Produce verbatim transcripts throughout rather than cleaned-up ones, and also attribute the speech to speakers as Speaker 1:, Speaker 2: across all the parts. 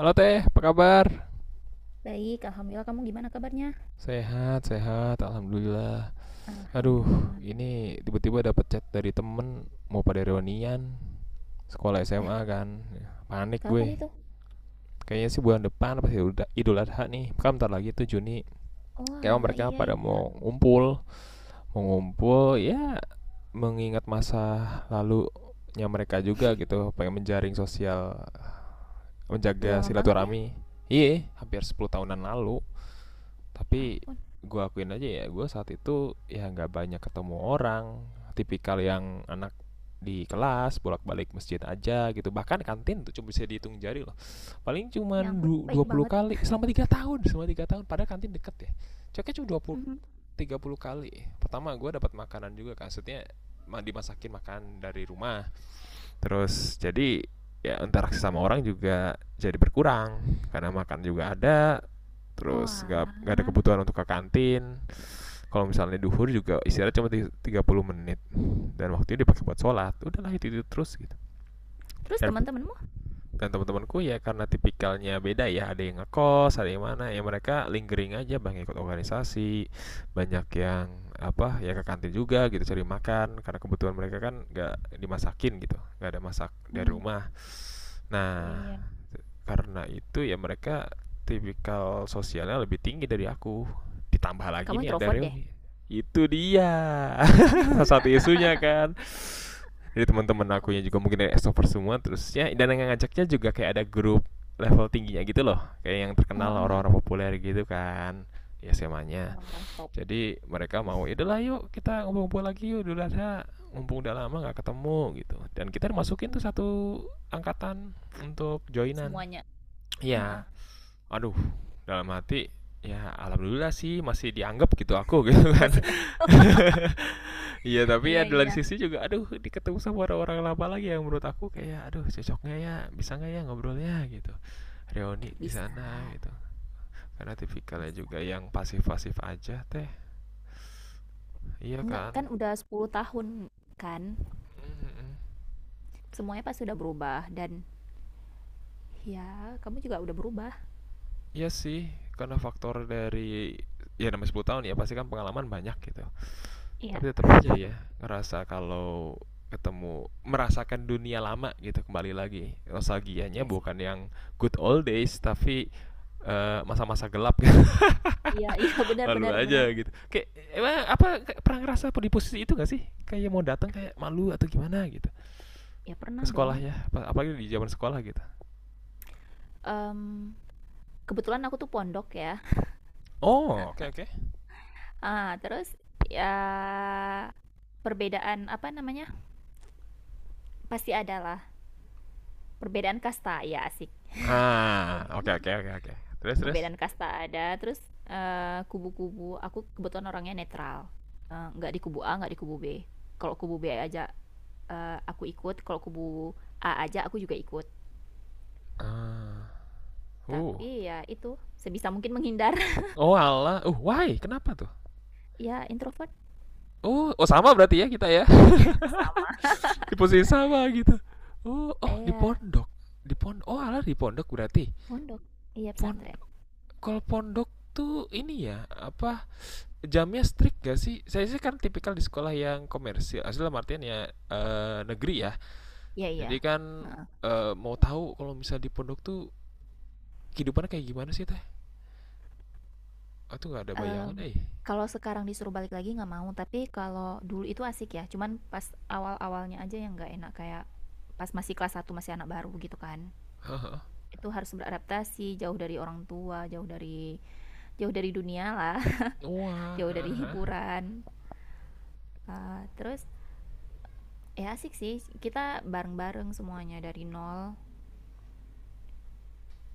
Speaker 1: Halo Teh, apa kabar?
Speaker 2: Baik, alhamdulillah. Kamu gimana kabarnya?
Speaker 1: Sehat, sehat, alhamdulillah. Aduh,
Speaker 2: Alhamdulillah.
Speaker 1: ini tiba-tiba dapat chat dari temen mau pada reunian sekolah S M A kan. Panik gue.
Speaker 2: Kapan itu?
Speaker 1: Kayaknya sih bulan depan pasti udah Idul Adha nih. Kan bentar lagi tuh Juni.
Speaker 2: Oh,
Speaker 1: Kayaknya
Speaker 2: alah,
Speaker 1: mereka
Speaker 2: iya
Speaker 1: pada
Speaker 2: iya.
Speaker 1: mau ngumpul, mau ngumpul ya mengingat masa lalunya mereka juga gitu, pengen menjaring sosial,
Speaker 2: Udah
Speaker 1: menjaga
Speaker 2: lama banget ya?
Speaker 1: silaturahmi. Iya, hampir sepuluh tahunan lalu.
Speaker 2: Ya
Speaker 1: Tapi
Speaker 2: ampun,
Speaker 1: gue akuin aja ya, gue saat itu ya nggak banyak ketemu orang. Tipikal yang anak di kelas bolak-balik masjid aja gitu, bahkan kantin tuh cuma bisa dihitung jari loh, paling cuma
Speaker 2: ya ampun,
Speaker 1: dua
Speaker 2: baik
Speaker 1: puluh
Speaker 2: banget.
Speaker 1: kali selama tiga tahun selama tiga tahun padahal kantin deket ya. Coknya cuma dua puluh
Speaker 2: Mhm.
Speaker 1: sampai tiga puluh kali Pertama gue dapat makanan juga kan, maksudnya ma- dimasakin makan dari rumah, terus jadi ya interaksi sama orang juga jadi berkurang karena makan juga ada,
Speaker 2: Oh,
Speaker 1: terus nggak nggak ada
Speaker 2: alah.
Speaker 1: kebutuhan untuk ke kantin. Kalau misalnya duhur juga istirahat cuma tiga puluh menit, dan waktunya dipakai buat sholat, udahlah itu, itu terus gitu.
Speaker 2: Terus
Speaker 1: dan
Speaker 2: teman-temanmu?
Speaker 1: dan teman-temanku ya, karena tipikalnya beda ya, ada yang ngekos, ada yang mana ya, mereka lingering aja, banyak ikut organisasi. Banyak yang apa ya ke kantin juga gitu, cari makan karena kebutuhan mereka kan nggak dimasakin gitu, nggak ada masak dari
Speaker 2: Mhm.
Speaker 1: rumah.
Speaker 2: Iya
Speaker 1: Nah,
Speaker 2: iya.
Speaker 1: karena itu ya mereka tipikal sosialnya lebih tinggi dari aku. Ditambah lagi
Speaker 2: Kamu
Speaker 1: nih ada
Speaker 2: introvert
Speaker 1: Reo
Speaker 2: deh.
Speaker 1: nih, itu dia salah satu isunya kan. Jadi teman-teman
Speaker 2: Kok
Speaker 1: aku yang
Speaker 2: bisa?
Speaker 1: juga mungkin dari extrovert semua terus ya, dan yang ngajaknya juga kayak ada grup level tingginya gitu loh, kayak yang
Speaker 2: Heeh,
Speaker 1: terkenal,
Speaker 2: heeh.
Speaker 1: orang-orang populer gitu kan, ya S M A-nya.
Speaker 2: Orang-orang top.
Speaker 1: Jadi mereka mau itulah, yuk kita ngumpul-ngumpul lagi yuk, dulu ada, mumpung udah lama nggak ketemu gitu, dan kita masukin tuh
Speaker 2: Mm.
Speaker 1: satu angkatan untuk joinan
Speaker 2: Semuanya. Heeh.
Speaker 1: ya. Aduh, dalam hati, ya alhamdulillah sih masih dianggap gitu aku, gitu kan.
Speaker 2: Masih diangkat.
Speaker 1: Iya, tapi ya
Speaker 2: Iya
Speaker 1: di
Speaker 2: iya.
Speaker 1: sisi juga aduh, di ketemu sama orang-orang lama lagi, yang menurut aku kayak aduh cocoknya ya, bisa nggak ya ngobrolnya gitu. Reuni di
Speaker 2: Bisa,
Speaker 1: sana gitu. Karena tipikalnya
Speaker 2: bisa.
Speaker 1: juga yang pasif-pasif aja teh. Iya
Speaker 2: Enggak,
Speaker 1: kan?
Speaker 2: kan udah sepuluh tahun kan?
Speaker 1: Mhm.
Speaker 2: Semuanya pasti udah berubah dan ya, kamu juga udah berubah.
Speaker 1: Iya sih, karena faktor dari ya namanya sepuluh tahun ya, pasti kan pengalaman banyak gitu.
Speaker 2: Iya,
Speaker 1: Tapi tetap aja ya, ngerasa kalau ketemu, merasakan dunia lama gitu kembali lagi. Nostalgianya
Speaker 2: iya sih.
Speaker 1: bukan yang good old days, tapi eh, masa-masa gelap gitu.
Speaker 2: Iya, iya benar
Speaker 1: Malu
Speaker 2: benar
Speaker 1: aja
Speaker 2: benar.
Speaker 1: gitu. Kayak emang apa, pernah ngerasa apa di posisi itu gak sih? Kayak mau datang kayak malu atau gimana gitu.
Speaker 2: Ya
Speaker 1: Ke
Speaker 2: pernah
Speaker 1: sekolah
Speaker 2: dong.
Speaker 1: ya, apalagi di zaman sekolah gitu.
Speaker 2: Mmm, kebetulan aku tuh pondok ya.
Speaker 1: Oh, oke, okay, oke. Okay.
Speaker 2: Ah, terus ya perbedaan apa namanya, pasti ada lah perbedaan kasta, ya asik.
Speaker 1: Ah, oke, okay, oke, okay, oke, okay, oke. Okay. Terus, terus.
Speaker 2: Perbedaan kasta ada, terus, eee, kubu-kubu, aku kebetulan orangnya netral, eee, nggak di kubu A, nggak di kubu B. Kalau kubu B aja, eee, aku ikut, kalau kubu A aja aku juga ikut.
Speaker 1: Ah, uh.
Speaker 2: Tapi ya itu, sebisa mungkin menghindar.
Speaker 1: Oh, Allah. Uh, why? Kenapa tuh?
Speaker 2: Ya introvert
Speaker 1: Oh, oh, sama berarti ya kita ya.
Speaker 2: sama
Speaker 1: Di posisi sama gitu. Oh, oh di
Speaker 2: iya,
Speaker 1: pondok, di pondok, oh alah di pondok berarti,
Speaker 2: pondok. Iya pesantren.
Speaker 1: pondok. Kalau pondok tuh ini ya apa, jamnya strict gak sih? Saya sih kan tipikal di sekolah yang komersil asli, dalam artian ya eh, negeri ya.
Speaker 2: Iya
Speaker 1: Jadi
Speaker 2: iya.
Speaker 1: kan eh, mau tahu kalau misal di pondok tuh kehidupannya kayak gimana sih teh, aku nggak ada
Speaker 2: Mmm,
Speaker 1: bayangan eh
Speaker 2: kalau sekarang disuruh balik lagi nggak mau, tapi kalau dulu itu asik ya, cuman pas awal-awalnya aja yang nggak enak, kayak pas masih kelas satu masih anak baru gitu kan. Itu harus beradaptasi, jauh dari orang tua, jauh dari jauh dari dunia lah,
Speaker 1: wah.
Speaker 2: jauh dari hiburan. Eee, terus ya asik sih, kita bareng-bareng semuanya dari nol,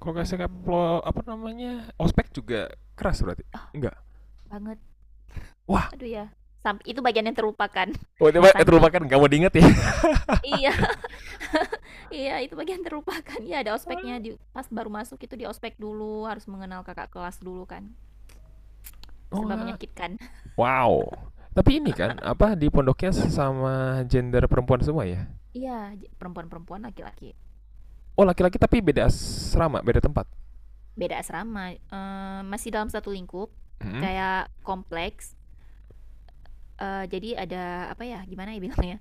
Speaker 1: Kalau nggak salah
Speaker 2: mmm,
Speaker 1: plo- apa namanya, ospek juga keras berarti? Enggak,
Speaker 2: banget.
Speaker 1: wah.
Speaker 2: Aduh ya, sam itu bagian yang terlupakan,
Speaker 1: Wah, itu
Speaker 2: saking
Speaker 1: mah- nggak mau diinget ya.
Speaker 2: iya. Iya, itu bagian terlupakan. Iya, ada ospeknya di pas baru masuk itu di ospek dulu, harus mengenal kakak kelas dulu kan. Serba
Speaker 1: Wah.
Speaker 2: menyakitkan.
Speaker 1: Wow. Tapi ini kan apa, di pondoknya sama gender perempuan semua ya?
Speaker 2: Iya, perempuan-perempuan laki-laki.
Speaker 1: Oh, laki-laki tapi beda asrama, beda tempat.
Speaker 2: Beda asrama, eh, masih dalam satu lingkup,
Speaker 1: Mhm.
Speaker 2: kayak kompleks. Eh, jadi ada apa ya? Gimana ya bilangnya?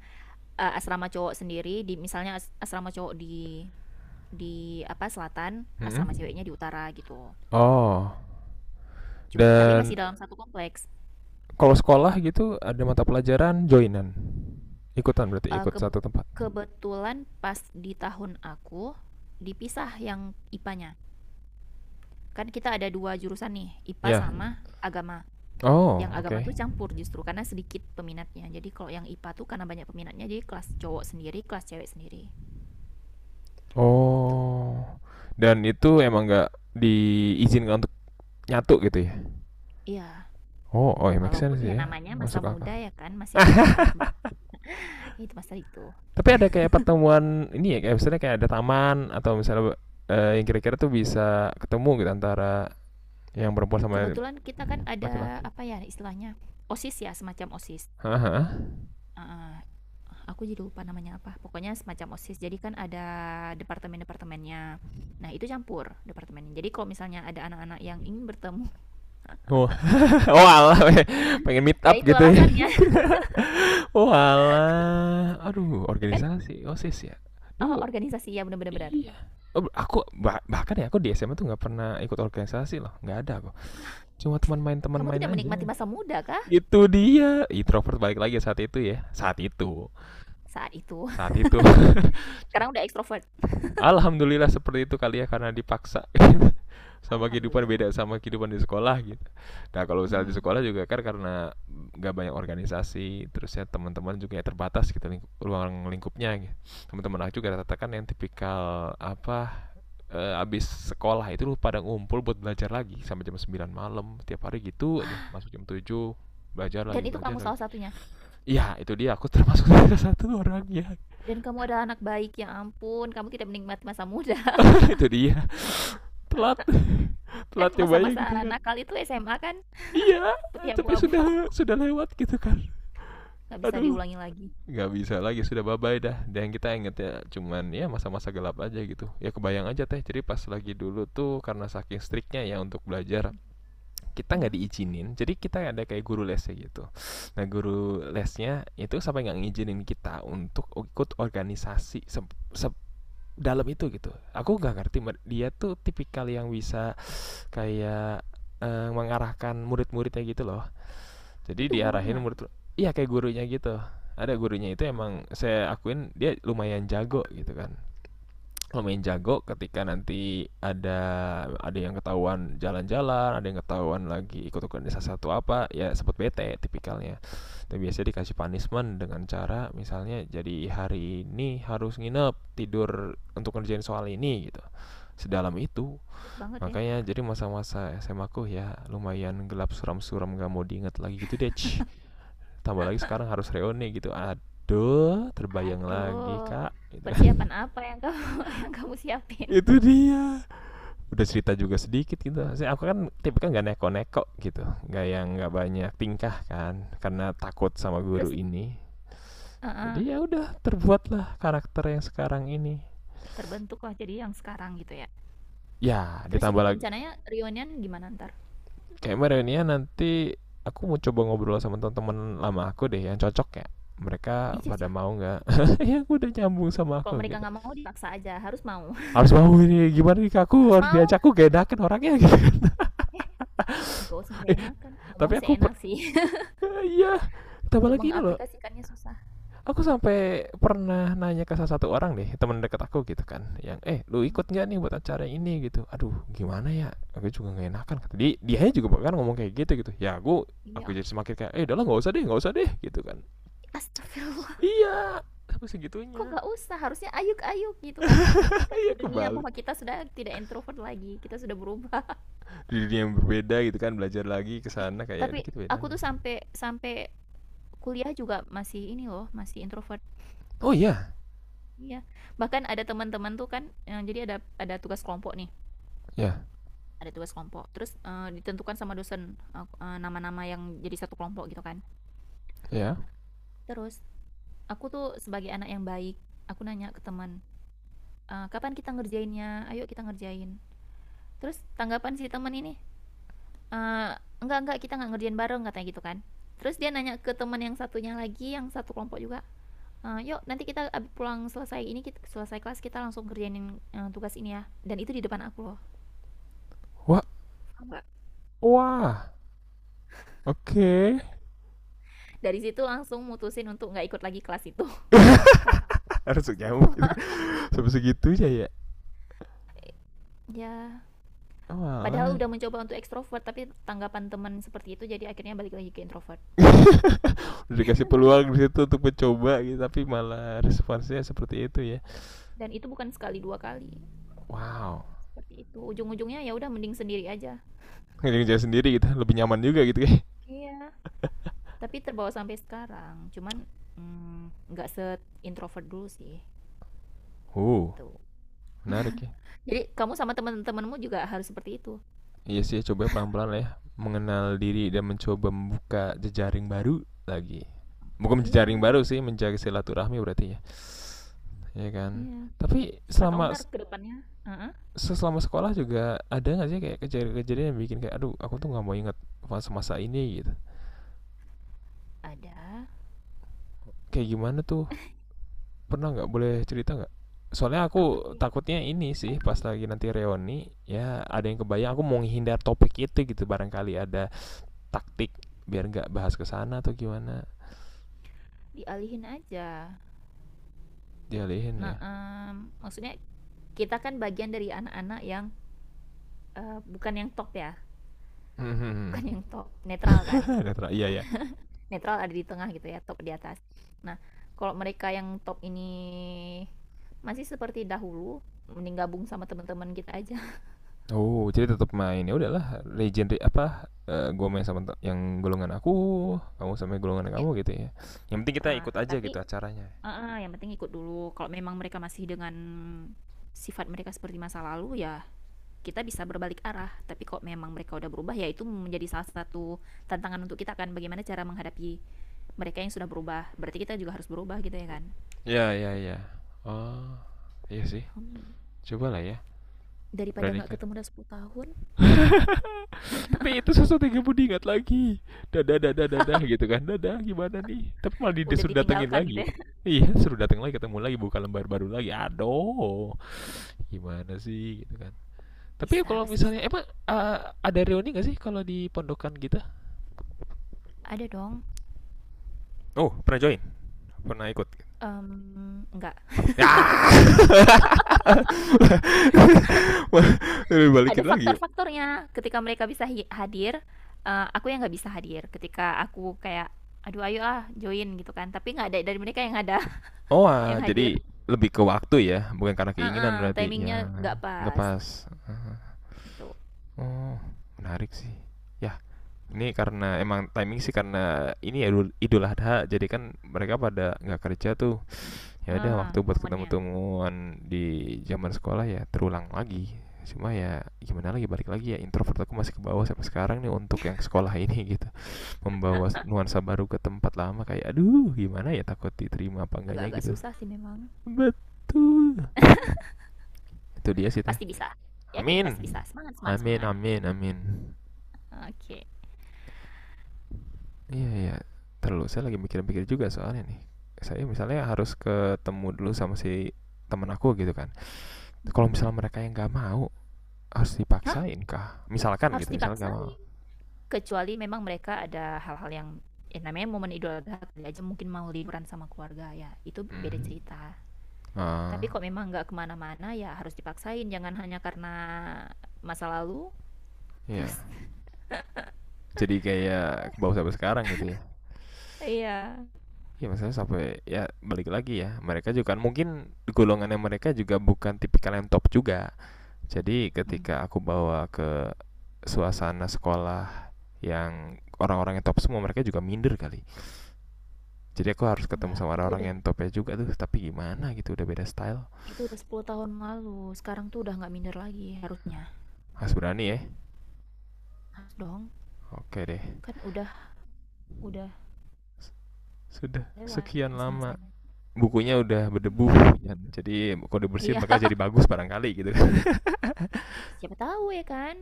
Speaker 2: Eh, asrama cowok sendiri di misalnya as- asrama cowok di di apa selatan,
Speaker 1: Mhm.
Speaker 2: asrama ceweknya di utara gitu.
Speaker 1: Oh.
Speaker 2: Cum- tapi masih
Speaker 1: Dan
Speaker 2: dalam satu kompleks.
Speaker 1: kalau sekolah gitu ada mata pelajaran joinan. Ikutan berarti,
Speaker 2: Eh,
Speaker 1: ikut
Speaker 2: ke-
Speaker 1: satu tempat.
Speaker 2: kebetulan pas di tahun aku dipisah yang I P A-nya. Kan kita ada dua jurusan nih, I P A
Speaker 1: Ya.
Speaker 2: sama agama.
Speaker 1: Oh,
Speaker 2: Yang agama
Speaker 1: oke.
Speaker 2: tuh campur justru karena sedikit peminatnya. Jadi kalau yang I P A tuh karena banyak peminatnya jadi kelas cowok sendiri, kelas cewek sendiri. Tuh.
Speaker 1: Oh. Dan itu emang nggak diizinkan untuk nyatu gitu ya?
Speaker 2: Iya,
Speaker 1: Oh, oh ya, make
Speaker 2: walaupun
Speaker 1: sense
Speaker 2: ya
Speaker 1: sih ya.
Speaker 2: namanya masa
Speaker 1: Masuk
Speaker 2: muda
Speaker 1: akal.
Speaker 2: ya kan, masih ada anak-anak bawah itu masa itu.
Speaker 1: Tapi ada kayak pertemuan ini ya, kayak misalnya kayak ada taman, atau misalnya eh, yang kira-kira tuh bisa ketemu gitu, antara yang perempuan sama
Speaker 2: Kebetulan kita kan ada
Speaker 1: laki-laki.
Speaker 2: apa ya istilahnya? OSIS ya, semacam OSIS.
Speaker 1: Haha.
Speaker 2: Ah, aku jadi lupa namanya apa pokoknya semacam osis jadi kan ada departemen departemennya. Nah, itu campur departemennya jadi kalau misalnya ada anak-anak yang ingin bertemu.
Speaker 1: Oh, oh alah, pengen meet
Speaker 2: Ya,
Speaker 1: up
Speaker 2: itu
Speaker 1: gitu ya.
Speaker 2: alasannya.
Speaker 1: Oh alah, aduh,
Speaker 2: Ya kan,
Speaker 1: organisasi osis ya.
Speaker 2: oh
Speaker 1: Duh,
Speaker 2: organisasi ya benar-benar.
Speaker 1: iya. Oh, aku bah- bahkan ya aku di S M A tuh nggak pernah ikut organisasi loh, nggak ada aku. Cuma teman main teman
Speaker 2: Kamu
Speaker 1: main
Speaker 2: tidak menikmati
Speaker 1: aja.
Speaker 2: masa muda kah
Speaker 1: Itu dia introvert balik lagi saat itu ya, saat itu.
Speaker 2: saat itu?
Speaker 1: Saat itu.
Speaker 2: Sekarang udah ekstrovert,
Speaker 1: Alhamdulillah seperti itu kali ya, karena dipaksa gitu. Sama kehidupan,
Speaker 2: alhamdulillah.
Speaker 1: beda sama kehidupan di sekolah gitu. Nah kalau misalnya di
Speaker 2: Mm.
Speaker 1: sekolah juga kan karena nggak banyak organisasi, terus ya teman-teman juga ya terbatas gitu lingkup, ruang lingkupnya gitu. Teman-teman aku juga rata-rata kan yang tipikal apa, eh, abis sekolah itu lu pada ngumpul buat belajar lagi sampai jam sembilan malam tiap hari gitu aja, masuk jam tujuh, belajar
Speaker 2: Dan
Speaker 1: lagi
Speaker 2: itu kamu
Speaker 1: belajar lagi.
Speaker 2: salah satunya.
Speaker 1: Iya itu dia, aku termasuk salah satu orangnya.
Speaker 2: Dan kamu adalah anak baik, ya ampun, kamu tidak menikmati masa muda.
Speaker 1: Itu dia, telat.
Speaker 2: Kan
Speaker 1: Telat cobanya
Speaker 2: masa-masa
Speaker 1: gitu kan.
Speaker 2: nakal itu S M A kan,
Speaker 1: Iya,
Speaker 2: putih
Speaker 1: tapi
Speaker 2: abu-abu.
Speaker 1: sudah sudah lewat gitu kan.
Speaker 2: Nggak bisa
Speaker 1: Aduh,
Speaker 2: diulangi lagi.
Speaker 1: nggak bisa lagi, sudah bye bye dah. Dan kita inget ya, cuman ya masa-masa gelap aja gitu ya. Kebayang aja teh, jadi pas lagi dulu tuh karena saking striknya ya untuk belajar, kita nggak
Speaker 2: Mhm.
Speaker 1: diizinin, jadi kita ada kayak guru lesnya gitu. Nah guru lesnya itu sampai nggak ngizinin kita untuk ikut organisasi se- se- dalam itu gitu, aku nggak ngerti. Dia tuh tipikal yang bisa kayak eh, mengarahkan murid-muridnya gitu loh. Jadi
Speaker 2: Itu
Speaker 1: diarahin
Speaker 2: gurunya,
Speaker 1: murid, iya kayak gurunya gitu. Ada gurunya itu,
Speaker 2: ya
Speaker 1: emang
Speaker 2: ampun,
Speaker 1: saya akuin dia lumayan jago gitu kan. Lumayan jago ketika nanti ada ada yang ketahuan jalan-jalan, ada yang ketahuan lagi ikut organisasi satu apa, ya sebut bete tipikalnya. Dan biasanya dikasih punishment dengan cara misalnya jadi hari ini harus nginep, tidur untuk ngerjain soal ini gitu. Sedalam itu.
Speaker 2: trik banget ya.
Speaker 1: Makanya jadi masa-masa S M A aku ya lumayan gelap, suram-suram gak mau diinget lagi gitu deh. Tambah lagi sekarang harus reuni gitu. Aduh, terbayang lagi
Speaker 2: Aduh,
Speaker 1: kak. Gitu kan.
Speaker 2: persiapan apa yang kamu yang kamu siapin?
Speaker 1: Itu dia. Udah cerita juga sedikit gitu. Saya, aku kan tipe kan gak neko-neko gitu. Gak yang gak banyak tingkah kan. Karena takut sama
Speaker 2: Terus
Speaker 1: guru ini. Jadi
Speaker 2: heeh,
Speaker 1: ya udah terbuatlah karakter yang sekarang ini.
Speaker 2: terbentuklah jadi yang sekarang gitu ya.
Speaker 1: Ya
Speaker 2: Terus
Speaker 1: ditambah
Speaker 2: ini
Speaker 1: lagi
Speaker 2: rencananya reunian gimana ntar?
Speaker 1: kayak reunian nanti, aku mau coba ngobrol sama teman-teman lama aku deh yang cocok ya, mereka
Speaker 2: Ih,
Speaker 1: pada
Speaker 2: cocok.
Speaker 1: mau nggak. Ya aku udah nyambung sama
Speaker 2: Kalau
Speaker 1: aku
Speaker 2: mereka
Speaker 1: gitu.
Speaker 2: nggak mau dipaksa aja, harus mau.
Speaker 1: Harus mau, ini gimana nih, aku
Speaker 2: Harus
Speaker 1: harus
Speaker 2: mau.
Speaker 1: diajakku, aku gak enakan orangnya gitu.
Speaker 2: Eh, gak usah nggak
Speaker 1: eh,
Speaker 2: enakan.
Speaker 1: tapi
Speaker 2: Ngomong sih
Speaker 1: aku
Speaker 2: enak
Speaker 1: per-
Speaker 2: sih.
Speaker 1: eh, iya, tambah
Speaker 2: Untuk
Speaker 1: lagi ini loh.
Speaker 2: mengaplikasikannya susah.
Speaker 1: Aku sampai pernah nanya ke salah satu orang deh, teman dekat aku gitu kan, yang eh lu
Speaker 2: Hmm.
Speaker 1: ikut nggak nih buat acara ini gitu. Aduh gimana ya, aku juga nggak enakan, dia dia juga bahkan ngomong kayak gitu gitu ya. aku aku
Speaker 2: Iya,
Speaker 1: jadi semakin kayak eh udahlah, nggak usah deh, nggak usah deh Gitu kan.
Speaker 2: astagfirullah.
Speaker 1: Iya, sampai
Speaker 2: Kok
Speaker 1: segitunya.
Speaker 2: nggak usah? Harusnya ayuk-ayuk gitu kan. Buktikan
Speaker 1: Iya
Speaker 2: ke dunia
Speaker 1: kebalik.
Speaker 2: bahwa kita sudah tidak introvert lagi. Kita sudah berubah.
Speaker 1: Di dunia yang berbeda gitu kan, belajar lagi ke sana, kayak
Speaker 2: Tapi
Speaker 1: dikit beda
Speaker 2: aku
Speaker 1: nih.
Speaker 2: tuh sampai sampai kuliah juga masih ini loh, masih introvert.
Speaker 1: Oh iya,
Speaker 2: Iya, bahkan ada teman-teman tuh kan, eee, jadi ada ada tugas kelompok nih,
Speaker 1: ya,
Speaker 2: ada tugas kelompok. Terus, eee, ditentukan sama dosen, ak eee, nama-nama yang jadi satu kelompok gitu kan.
Speaker 1: ya.
Speaker 2: Terus aku tuh sebagai anak yang baik, aku nanya ke teman, eee, "Kapan kita ngerjainnya? Ayo kita ngerjain." Terus tanggapan si teman ini, eee, "Enggak enggak, kita nggak ngerjain bareng," katanya gitu kan. Terus dia nanya ke teman yang satunya lagi, yang satu kelompok juga, eee, "Yuk nanti kita abis pulang selesai ini kit selesai kelas kita langsung kerjainin, eee, tugas ini ya." Dan itu di depan aku loh. Enggak.
Speaker 1: Wah, wah. Oke.
Speaker 2: Dari situ langsung mutusin untuk nggak ikut lagi kelas itu.
Speaker 1: Okay.
Speaker 2: Kamu
Speaker 1: Harus nyamuk gitu kan.
Speaker 2: astagfirullah.
Speaker 1: Sampai segitunya ya.
Speaker 2: Ya,
Speaker 1: Oh,
Speaker 2: padahal
Speaker 1: malah
Speaker 2: udah mencoba untuk ekstrovert tapi tanggapan teman seperti itu jadi akhirnya balik lagi ke introvert.
Speaker 1: udah dikasih peluang di situ untuk mencoba gitu, tapi malah responsnya seperti itu ya.
Speaker 2: Dan itu bukan sekali dua kali
Speaker 1: Wow.
Speaker 2: seperti itu, ujung-ujungnya ya udah mending sendiri aja.
Speaker 1: Ngerjain sendiri gitu lebih nyaman juga gitu ya.
Speaker 2: Iya. Tapi terbawa sampai sekarang, cuman mm, nggak se introvert dulu sih.
Speaker 1: Uh,
Speaker 2: Tuh.
Speaker 1: menarik ya.
Speaker 2: Jadi kamu sama teman-temanmu juga harus seperti itu.
Speaker 1: Iya sih, coba pelan-pelan lah ya, mengenal diri dan mencoba membuka jejaring baru lagi. Bukan jejaring
Speaker 2: Iya,
Speaker 1: baru sih, menjaga silaturahmi berarti ya. Ya kan.
Speaker 2: iya,
Speaker 1: Tapi
Speaker 2: siapa tahu
Speaker 1: selama
Speaker 2: ntar kedepannya. Heeh.
Speaker 1: selama sekolah juga ada nggak sih kayak kejadian-kejadian yang bikin kayak aduh, aku tuh nggak mau ingat masa-masa ini gitu.
Speaker 2: Ada
Speaker 1: Kayak gimana tuh? Pernah nggak, boleh cerita nggak? Soalnya
Speaker 2: apa tuh
Speaker 1: aku
Speaker 2: ya,
Speaker 1: takutnya ini sih, pas lagi nanti reuni ya ada yang kebayang, aku mau menghindar topik itu gitu, barangkali ada taktik biar nggak bahas kesana atau gimana.
Speaker 2: dialihin aja.
Speaker 1: Dialihin ya.
Speaker 2: Nah, em, maksudnya kita kan bagian dari anak-anak yang eh, bukan yang top ya,
Speaker 1: Hmm.
Speaker 2: bukan yang top, netral
Speaker 1: Ah,
Speaker 2: kan.
Speaker 1: kata Ra, iya ya.
Speaker 2: Netral ada di tengah gitu ya, top di atas. Nah, kalau mereka yang top ini masih seperti dahulu, mending gabung sama teman-teman kita aja.
Speaker 1: Oh, jadi tetap main. Ya udahlah, legendary apa? eh, gue main sama te- yang golongan aku, kamu sama golongan
Speaker 2: Ya,
Speaker 1: kamu gitu ya. Yang penting kita
Speaker 2: ah,
Speaker 1: ikut aja
Speaker 2: tapi
Speaker 1: gitu acaranya.
Speaker 2: ah, ah, yang penting ikut dulu. Kalau memang mereka masih dengan sifat mereka seperti masa lalu ya kita bisa berbalik arah, tapi kalau memang mereka udah berubah ya itu menjadi salah satu tantangan untuk kita kan, bagaimana cara menghadapi mereka yang sudah berubah, berarti kita juga harus berubah gitu ya kan.
Speaker 1: Ya, ya, ya. Oh, iya sih.
Speaker 2: Hmm,
Speaker 1: Cobalah ya,
Speaker 2: daripada nggak
Speaker 1: beranikan.
Speaker 2: ketemu udah sepuluh tahun,
Speaker 1: Tapi itu sesuatu yang kamu ingat lagi. Dadah, dadah, dadah gitu kan. Dadah, gimana nih? Tapi malah di-
Speaker 2: udah
Speaker 1: disuruh datengin
Speaker 2: ditinggalkan
Speaker 1: lagi.
Speaker 2: gitu ya.
Speaker 1: Gitu. Iya, suruh dateng lagi, ketemu lagi, buka lembar baru lagi. Aduh, gimana sih gitu kan. Tapi
Speaker 2: Bisa,
Speaker 1: kalau
Speaker 2: pasti bisa,
Speaker 1: misalnya emang eh, ada reuni nggak sih kalau di pondokan kita?
Speaker 2: ada dong.
Speaker 1: Oh, pernah join? Pernah ikut.
Speaker 2: Em, nggak
Speaker 1: Ya. Wah,
Speaker 2: ada
Speaker 1: balikin lagi ya.
Speaker 2: faktor-faktornya ketika mereka bisa hadir, eh, aku yang nggak bisa hadir, ketika aku kayak aduh ayo ah join gitu kan tapi nggak ada dari mereka yang ada.
Speaker 1: Oh, ah,
Speaker 2: Yang hadir.
Speaker 1: jadi lebih ke waktu ya, bukan karena keinginan
Speaker 2: Eh,
Speaker 1: berarti. Ya,
Speaker 2: timingnya nggak
Speaker 1: nggak
Speaker 2: pas
Speaker 1: pas.
Speaker 2: gitu.
Speaker 1: Oh, menarik sih. Ya, ini karena emang timing sih, karena ini ya Idul- Idul Adha, jadi kan mereka pada nggak kerja tuh. Ya udah, waktu
Speaker 2: Ah,
Speaker 1: buat ketemu
Speaker 2: momennya
Speaker 1: temuan di zaman sekolah ya terulang lagi. Cuma ya gimana lagi, balik lagi ya introvert aku masih ke bawah sampai sekarang nih untuk yang sekolah ini gitu. Membawa nuansa baru ke tempat lama, kayak aduh gimana ya, takut diterima apa enggaknya
Speaker 2: agak-agak
Speaker 1: gitu.
Speaker 2: susah sih memang.
Speaker 1: Betul, itu dia sih teh.
Speaker 2: Pasti bisa, yakin
Speaker 1: Amin,
Speaker 2: pasti bisa, semangat semangat
Speaker 1: amin,
Speaker 2: semangat.
Speaker 1: amin, amin.
Speaker 2: Oke.
Speaker 1: Iya, iya. Terus saya lagi mikir-mikir juga, soalnya nih saya misalnya harus ketemu dulu sama si teman aku gitu kan. Kalau
Speaker 2: Mm.
Speaker 1: misalnya mereka yang enggak mau, harus
Speaker 2: Hah,
Speaker 1: dipaksain kah? Misalkan
Speaker 2: harus
Speaker 1: gitu, misalkan gak mau.
Speaker 2: dipaksain, kecuali memang mereka ada hal-hal yang ya namanya momen Idul Adha aja mungkin mau liburan sama keluarga ya itu beda
Speaker 1: Hmm.
Speaker 2: cerita. Tapi
Speaker 1: Ah,
Speaker 2: kok memang nggak kemana-mana ya harus dipaksain, jangan hanya karena masa lalu.
Speaker 1: iya.
Speaker 2: Terus
Speaker 1: Jadi kayak bawa sampai sekarang gitu ya.
Speaker 2: iya.
Speaker 1: Iya maksudnya sampai ya balik lagi ya, mereka juga kan mungkin golongannya mereka juga bukan tipikal yang top juga. Jadi
Speaker 2: Hmm,
Speaker 1: ketika aku bawa ke suasana sekolah yang orang-orang yang top semua, mereka juga minder kali. Jadi aku harus ketemu
Speaker 2: nggak,
Speaker 1: sama
Speaker 2: itu
Speaker 1: orang-orang
Speaker 2: udah,
Speaker 1: yang topnya juga tuh, tapi gimana gitu, udah beda style.
Speaker 2: itu udah sepuluh tahun lalu sekarang tuh udah nggak minder lagi harusnya.
Speaker 1: Harus berani ya.
Speaker 2: Harus dong,
Speaker 1: Oke deh.
Speaker 2: kan udah udah
Speaker 1: Sudah
Speaker 2: lewat
Speaker 1: sekian lama,
Speaker 2: masa-masanya.
Speaker 1: bukunya udah berdebu gitu
Speaker 2: Ya,
Speaker 1: kan. Jadi kalau dibersihin
Speaker 2: iya.
Speaker 1: maka jadi bagus barangkali gitu kan.
Speaker 2: Ya, siapa tahu ya kan.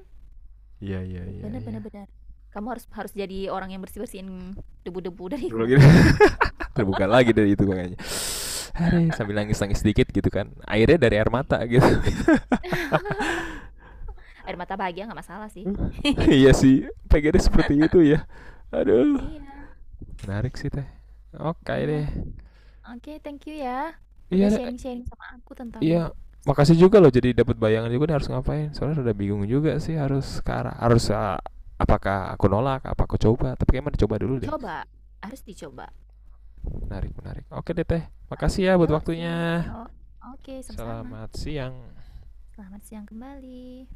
Speaker 1: Iya, iya, iya,
Speaker 2: Bener
Speaker 1: iya.
Speaker 2: bener bener. Kamu harus harus jadi orang yang bersih bersihin debu-debu dari
Speaker 1: Gitu.
Speaker 2: kubu-kubu itu.
Speaker 1: Terbuka lagi dari itu gua kayaknya. Aduh, sambil nangis-nangis sedikit gitu kan. Airnya dari air
Speaker 2: Eh,
Speaker 1: mata gitu.
Speaker 2: air mata bahagia nggak masalah sih.
Speaker 1: Iya sih, pengennya seperti itu ya. Aduh,
Speaker 2: Iya
Speaker 1: menarik sih teh. Oke
Speaker 2: iya.
Speaker 1: deh.
Speaker 2: Oke, thank you ya.
Speaker 1: Iya
Speaker 2: Udah
Speaker 1: deh,
Speaker 2: sharing sharing sama aku tentang
Speaker 1: iya. Makasih juga loh, jadi dapat bayangan juga nih harus ngapain. Soalnya udah bingung juga sih, harus ke arah harus uh, apakah aku nolak, apa aku coba. Tapi kayaknya mending coba dulu deh.
Speaker 2: coba, harus dicoba.
Speaker 1: Menarik, menarik. Oke deh teh.
Speaker 2: Oke,
Speaker 1: Makasih ya buat
Speaker 2: yuk see
Speaker 1: waktunya.
Speaker 2: you yuk. Oke, sama-sama.
Speaker 1: Selamat siang.
Speaker 2: Selamat siang kembali.